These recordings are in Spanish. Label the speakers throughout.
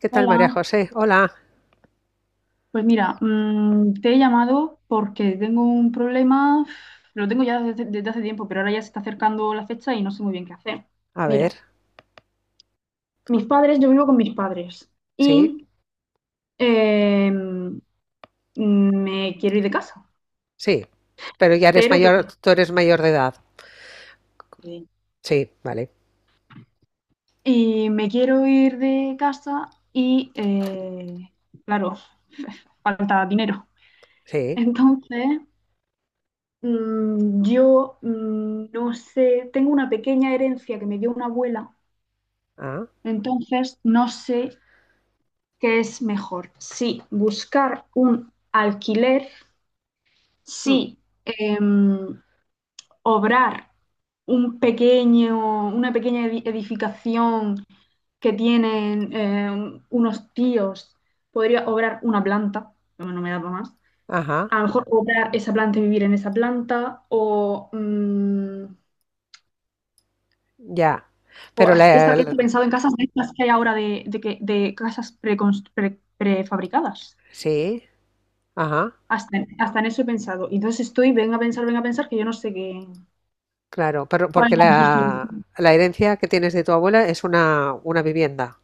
Speaker 1: ¿Qué tal, María
Speaker 2: Hola,
Speaker 1: José? Hola.
Speaker 2: pues mira, te he llamado porque tengo un problema, lo tengo ya desde hace tiempo, pero ahora ya se está acercando la fecha y no sé muy bien qué hacer.
Speaker 1: A
Speaker 2: Mira,
Speaker 1: ver,
Speaker 2: mis padres, yo vivo con mis padres
Speaker 1: sí,
Speaker 2: y eh, mm, me quiero ir de casa,
Speaker 1: sí. Pero ya eres
Speaker 2: pero
Speaker 1: mayor,
Speaker 2: claro,
Speaker 1: tú eres mayor de edad.
Speaker 2: eh,
Speaker 1: Sí, vale.
Speaker 2: y me quiero ir de casa y claro, falta dinero.
Speaker 1: Sí.
Speaker 2: Entonces, yo no sé, tengo una pequeña herencia que me dio una abuela.
Speaker 1: Ah.
Speaker 2: Entonces, no sé qué es mejor. Si buscar un alquiler,
Speaker 1: mm,
Speaker 2: si em, obrar un pequeño, una pequeña edificación que tienen unos tíos, podría obrar una planta, no, no me da para más.
Speaker 1: Ajá,
Speaker 2: A lo mejor obrar esa planta y vivir en esa planta, o
Speaker 1: ya. Pero la, la-
Speaker 2: he pensado en casas de estas que hay ahora de casas prefabricadas.
Speaker 1: sí, ajá,
Speaker 2: Hasta en eso he pensado. Y entonces estoy, venga a pensar, que yo no sé qué,
Speaker 1: claro. Pero
Speaker 2: cuál
Speaker 1: porque
Speaker 2: es la mejor
Speaker 1: la,
Speaker 2: solución.
Speaker 1: la herencia que tienes de tu abuela es una vivienda.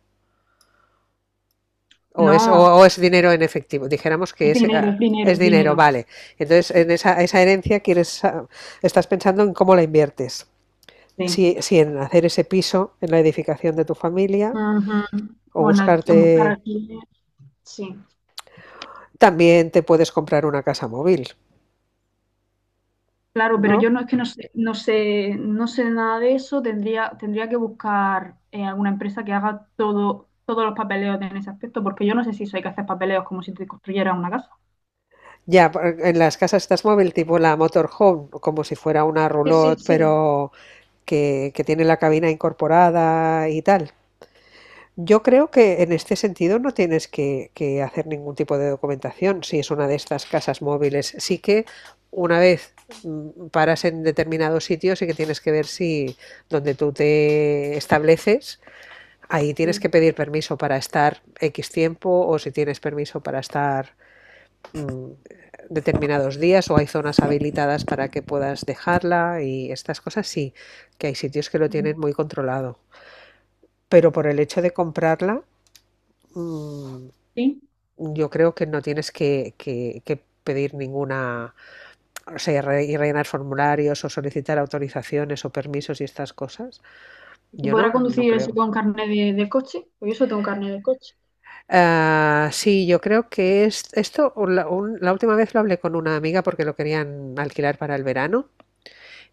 Speaker 1: O es, o,
Speaker 2: No,
Speaker 1: o es dinero en efectivo. Dijéramos que
Speaker 2: es
Speaker 1: es,
Speaker 2: dinero,
Speaker 1: ah,
Speaker 2: es dinero,
Speaker 1: es
Speaker 2: es
Speaker 1: dinero,
Speaker 2: dinero.
Speaker 1: vale. Entonces, en esa herencia estás pensando en cómo la inviertes.
Speaker 2: Sí.
Speaker 1: Si en hacer ese piso en la edificación de tu familia,
Speaker 2: Ujú.
Speaker 1: o
Speaker 2: Bueno, buscar
Speaker 1: buscarte.
Speaker 2: aquí, sí.
Speaker 1: También te puedes comprar una casa móvil,
Speaker 2: Claro, pero
Speaker 1: ¿no?
Speaker 2: yo no es que no sé, no sé, no sé nada de eso. Tendría, tendría que buscar alguna empresa que haga todo, todos los papeleos en ese aspecto, porque yo no sé si eso hay que hacer papeleos como si te construyera una casa.
Speaker 1: Ya, en las casas estas móvil, tipo la motorhome, como si fuera una
Speaker 2: Sí, sí,
Speaker 1: roulotte,
Speaker 2: sí.
Speaker 1: pero que tiene la cabina incorporada y tal. Yo creo que en este sentido no tienes que hacer ningún tipo de documentación si es una de estas casas móviles. Sí que una vez paras en determinados sitios y que tienes que ver si donde tú te estableces ahí tienes
Speaker 2: Sí.
Speaker 1: que pedir permiso para estar X tiempo o si tienes permiso para estar mm, determinados días o hay zonas habilitadas para que puedas dejarla y estas cosas sí, que hay sitios que lo
Speaker 2: Ujú.
Speaker 1: tienen muy controlado. Pero por el hecho de comprarla, mm,
Speaker 2: Sí.
Speaker 1: yo creo que no tienes que pedir ninguna, o sea, y rellenar formularios o solicitar autorizaciones o permisos y estas cosas.
Speaker 2: ¿Se
Speaker 1: Yo no,
Speaker 2: podrá
Speaker 1: no
Speaker 2: conducir eso
Speaker 1: creo.
Speaker 2: con carnet de coche? Pues yo solo tengo carnet de coche.
Speaker 1: Ah, sí, yo creo que es, esto o la, un- la última vez lo hablé con una amiga porque lo querían alquilar para el verano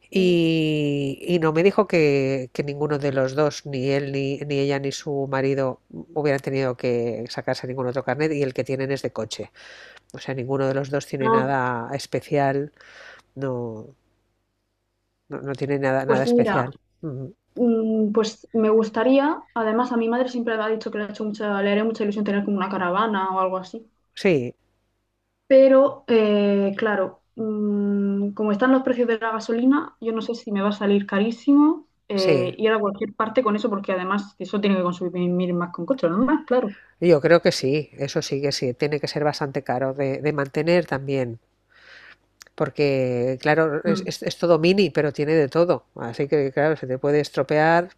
Speaker 1: y no me dijo que ninguno de los dos, ni él, ni ella, ni su marido hubieran tenido que sacarse ningún otro carnet y el que tienen es de coche. O sea, ninguno de los dos tiene
Speaker 2: Ah,
Speaker 1: nada especial, no, no, no tiene nada, nada
Speaker 2: pues mira,
Speaker 1: especial. Ujú.
Speaker 2: pues me gustaría, además a mi madre siempre le ha dicho que le ha hecho mucha, le haría mucha ilusión tener como una caravana o algo así.
Speaker 1: Sí,
Speaker 2: Pero claro, como están los precios de la gasolina, yo no sé si me va a salir carísimo
Speaker 1: sí.
Speaker 2: ir a cualquier parte con eso, porque además eso tiene que consumir más con coche, ¿no? Más, claro.
Speaker 1: Yo creo que sí, eso sí que sí, tiene que ser bastante caro de mantener también. Porque claro, es,
Speaker 2: Mm.
Speaker 1: es- es todo mini, pero tiene de todo. Así que claro, se te puede estropear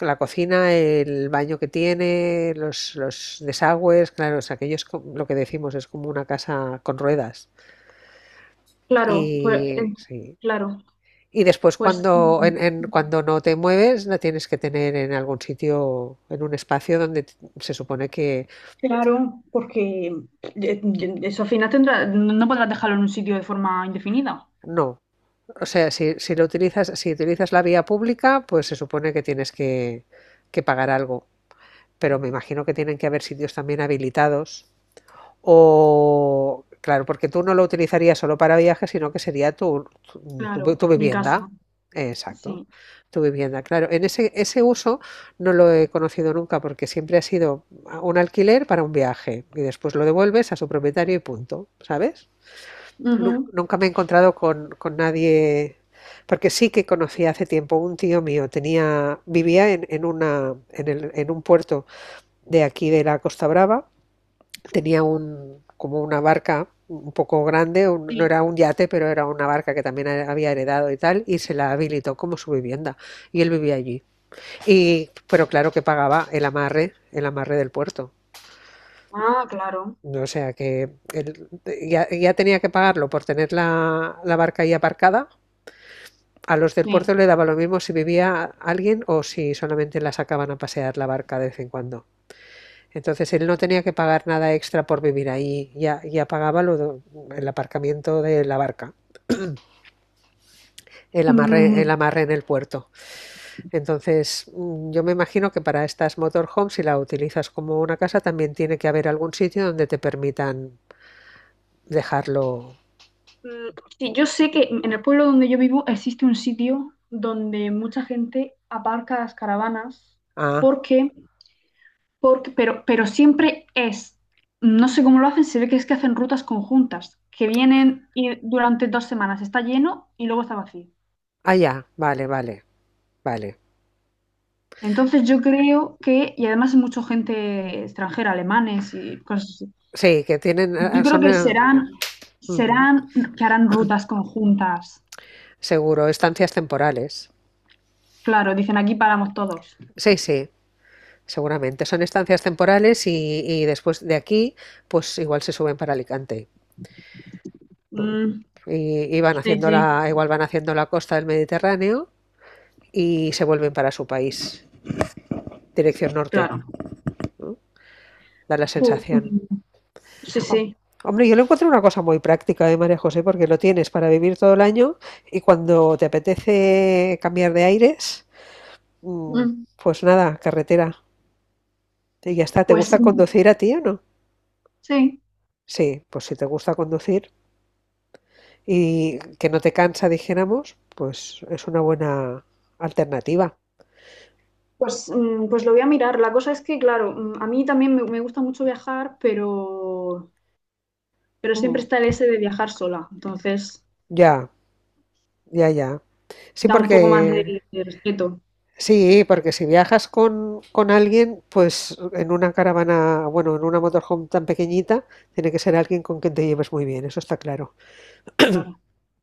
Speaker 1: la cocina, el baño que tiene, los desagües, claro, o sea, aquello es lo que decimos, es como una casa con ruedas.
Speaker 2: Claro, pues
Speaker 1: Y sí.
Speaker 2: claro,
Speaker 1: Y después
Speaker 2: pues
Speaker 1: cuando, en, en- cuando no te mueves, la tienes que tener en algún sitio, en un espacio donde se supone que
Speaker 2: claro, porque eh, eso al final tendrá, no podrás dejarlo en un sitio de forma indefinida.
Speaker 1: no. O sea, si lo utilizas, si utilizas la vía pública, pues se supone que tienes que pagar algo. Pero me imagino que tienen que haber sitios también habilitados o, claro, porque tú no lo utilizarías solo para viajes, sino que sería tu, tu, tu-
Speaker 2: Claro,
Speaker 1: tu
Speaker 2: mi casa,
Speaker 1: vivienda. Exacto,
Speaker 2: sí.
Speaker 1: tu vivienda. Claro, en ese uso no lo he conocido nunca porque siempre ha sido un alquiler para un viaje y después lo devuelves a su propietario y punto, ¿sabes?
Speaker 2: Ujú.
Speaker 1: Nunca me he encontrado con nadie, porque sí que conocí hace tiempo un tío mío, vivía en una, en el- en un puerto de aquí de la Costa Brava. Tenía como una barca un poco grande, no
Speaker 2: Sí.
Speaker 1: era un yate, pero era una barca que también había heredado y tal, y se la habilitó como su vivienda. Y él vivía allí. Pero claro que pagaba el amarre del puerto.
Speaker 2: Ah, claro,
Speaker 1: O sea que él ya tenía que pagarlo por tener la barca ahí aparcada. A los del
Speaker 2: sí.
Speaker 1: puerto le daba lo mismo si vivía alguien o si solamente la sacaban a pasear la barca de vez en cuando. Entonces él no tenía que pagar nada extra por vivir ahí, ya pagaba lo el aparcamiento de la barca, el
Speaker 2: Mm,
Speaker 1: amarre en el puerto. Entonces yo me imagino que para estas motorhomes, si la utilizas como una casa, también tiene que haber algún sitio donde te permitan dejarlo.
Speaker 2: mm, sí, yo sé que en el pueblo donde yo vivo existe un sitio donde mucha gente aparca las caravanas
Speaker 1: Ah,
Speaker 2: porque, porque, pero siempre es, no sé cómo lo hacen, se ve que es que hacen rutas conjuntas, que vienen y durante dos semanas está lleno y luego está vacío.
Speaker 1: ah, ya, vale, vale, vale.
Speaker 2: Entonces yo creo que, y además hay mucha gente extranjera, alemanes y cosas así,
Speaker 1: Sí, que tienen, ah,
Speaker 2: yo creo
Speaker 1: son,
Speaker 2: que serán,
Speaker 1: ujú,
Speaker 2: serán, que harán rutas conjuntas.
Speaker 1: seguro, estancias temporales.
Speaker 2: Claro, dicen aquí paramos todos.
Speaker 1: Sí, sí. Seguramente. Son estancias temporales y después de aquí, pues igual se suben para Alicante, ¿no?
Speaker 2: Mm,
Speaker 1: Y van
Speaker 2: sí,
Speaker 1: haciendo
Speaker 2: sí,
Speaker 1: igual van haciendo la costa del Mediterráneo y se vuelven para su país, dirección norte,
Speaker 2: claro.
Speaker 1: da la
Speaker 2: Pu-
Speaker 1: sensación.
Speaker 2: mm, sí,
Speaker 1: Oh,
Speaker 2: sí.
Speaker 1: hombre, yo lo encuentro una cosa muy práctica, ¿eh, María José? Porque lo tienes para vivir todo el año y cuando te apetece cambiar de aires, mm,
Speaker 2: Mm,
Speaker 1: pues nada, carretera. Y ya está. ¿Te
Speaker 2: pues
Speaker 1: gusta
Speaker 2: mm,
Speaker 1: conducir a ti o no?
Speaker 2: sí.
Speaker 1: Sí, pues si te gusta conducir, y que no te cansa, dijéramos, pues es una buena alternativa.
Speaker 2: Pues, pues lo voy a mirar. La cosa es que, claro, a mí también me gusta mucho viajar, pero siempre
Speaker 1: Mm.
Speaker 2: está el ese de viajar sola. Entonces
Speaker 1: Ya, ya, ya. Sí,
Speaker 2: da un poco más de respeto.
Speaker 1: porque si viajas con alguien, pues en una caravana, bueno, en una motorhome tan pequeñita, tiene que ser alguien con quien te lleves muy bien, eso está claro.
Speaker 2: Claro.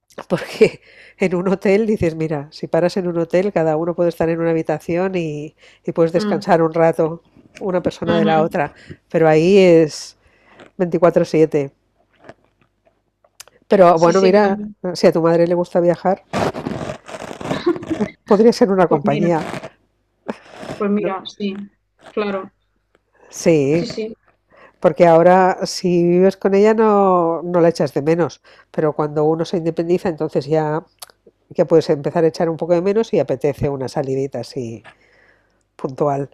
Speaker 1: Porque en un hotel dices, mira, si paras en un hotel, cada uno puede estar en una habitación y puedes
Speaker 2: Mm,
Speaker 1: descansar un rato una persona de la
Speaker 2: ujú.
Speaker 1: otra, pero ahí es 24/7. Pero
Speaker 2: Sí,
Speaker 1: bueno,
Speaker 2: sí,
Speaker 1: mira,
Speaker 2: claro.
Speaker 1: si a tu madre le gusta viajar, podría ser una
Speaker 2: Pues mira,
Speaker 1: compañía,
Speaker 2: pues
Speaker 1: ¿no?
Speaker 2: mira, sí, claro.
Speaker 1: Sí,
Speaker 2: Sí, sí.
Speaker 1: porque ahora si vives con ella no, no la echas de menos, pero cuando uno se independiza, entonces ya puedes empezar a echar un poco de menos y apetece una salidita así puntual,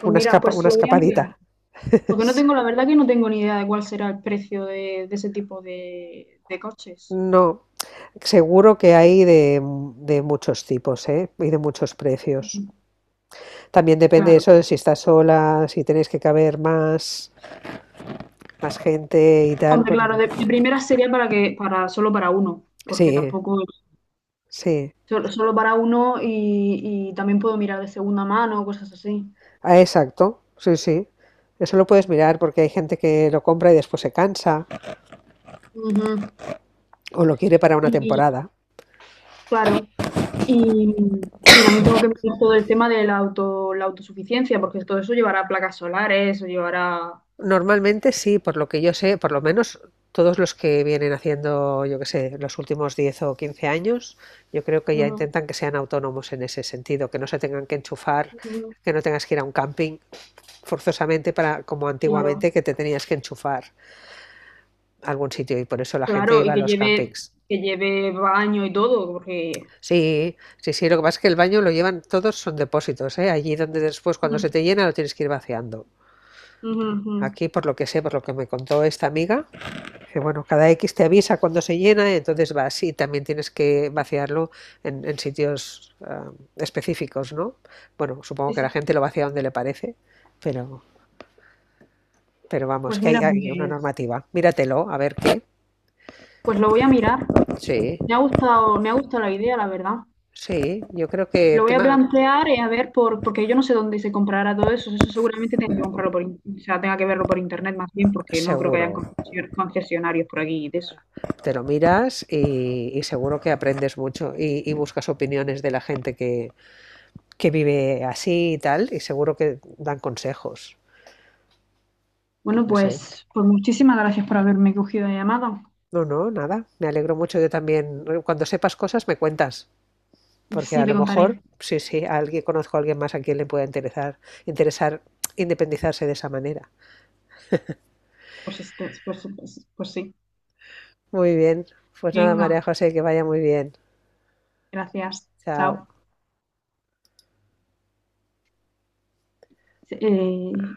Speaker 2: Pues mira, pues
Speaker 1: una
Speaker 2: lo voy a mirar.
Speaker 1: escapadita.
Speaker 2: Porque no tengo, la verdad que no tengo ni idea de cuál será el precio de ese tipo de coches.
Speaker 1: No, seguro que hay de muchos tipos, ¿eh? Y de muchos precios. También depende de
Speaker 2: Claro.
Speaker 1: eso de si estás sola, si tenéis que caber más gente y tal,
Speaker 2: Hombre,
Speaker 1: pues
Speaker 2: claro, de primera sería para que, para, solo para uno, porque
Speaker 1: sí,
Speaker 2: tampoco,
Speaker 1: sí.
Speaker 2: solo, solo para uno y también puedo mirar de segunda mano, cosas así.
Speaker 1: Ah, exacto. Sí, sí. Eso lo puedes mirar porque hay gente que lo compra y después se cansa
Speaker 2: Ujú.
Speaker 1: o lo quiere para una
Speaker 2: Y
Speaker 1: temporada.
Speaker 2: claro. Y también tengo que mirar todo el tema de la auto, la autosuficiencia, porque todo eso llevará placas solares, o llevará...
Speaker 1: Normalmente sí, por lo que yo sé, por lo menos todos los que vienen haciendo, yo qué sé, los últimos 10 o 15 años, yo creo que ya
Speaker 2: Ujú,
Speaker 1: intentan que sean autónomos en ese sentido, que no se tengan que enchufar,
Speaker 2: ujú.
Speaker 1: que no tengas que ir a un camping forzosamente para como
Speaker 2: Claro,
Speaker 1: antiguamente que te tenías que enchufar a algún sitio y por eso la gente
Speaker 2: claro,
Speaker 1: iba
Speaker 2: y
Speaker 1: a los campings.
Speaker 2: que lleve baño y todo, porque...
Speaker 1: Sí, sí, sí, lo que pasa es que el baño lo llevan, todos son depósitos, ¿eh? Allí donde después
Speaker 2: Ujú,
Speaker 1: cuando se te llena lo tienes que ir vaciando.
Speaker 2: ujú, ujú.
Speaker 1: Aquí, por lo que sé, por lo que me contó esta amiga, que bueno, cada X te avisa cuando se llena, entonces vas y también tienes que vaciarlo en sitios específicos, ¿no? Bueno, supongo
Speaker 2: Sí,
Speaker 1: que la
Speaker 2: sí.
Speaker 1: gente lo vacía donde le parece, pero, pero vamos,
Speaker 2: Pues
Speaker 1: que hay,
Speaker 2: mira,
Speaker 1: hay una
Speaker 2: pues,
Speaker 1: normativa. Míratelo, a ver qué.
Speaker 2: pues lo voy a mirar.
Speaker 1: Sí,
Speaker 2: Me ha gustado la idea, la verdad.
Speaker 1: sí, yo creo que
Speaker 2: Lo voy a
Speaker 1: tema
Speaker 2: plantear y a ver por, porque yo no sé dónde se comprará todo eso. Eso seguramente tenga que comprarlo por, o sea, tenga que verlo por internet más bien, porque no creo que hayan
Speaker 1: seguro.
Speaker 2: concesionarios por aquí de eso.
Speaker 1: Te lo miras y seguro que aprendes mucho y buscas opiniones de la gente que vive así y tal, y seguro que dan consejos.
Speaker 2: Bueno,
Speaker 1: No sé.
Speaker 2: pues, pues muchísimas gracias por haberme cogido la llamada.
Speaker 1: No, no, nada. Me alegro mucho. Yo también, cuando sepas cosas, me cuentas. Porque
Speaker 2: Sí,
Speaker 1: a
Speaker 2: te
Speaker 1: lo
Speaker 2: contaré.
Speaker 1: mejor, sí, sí, a alguien, conozco a alguien más a quien le pueda interesar, independizarse de esa manera.
Speaker 2: Pues, pues, pues, pues sí.
Speaker 1: Muy bien. Pues nada, María
Speaker 2: Venga,
Speaker 1: José, que vaya muy bien.
Speaker 2: gracias.
Speaker 1: Chao.
Speaker 2: Chao. Eh,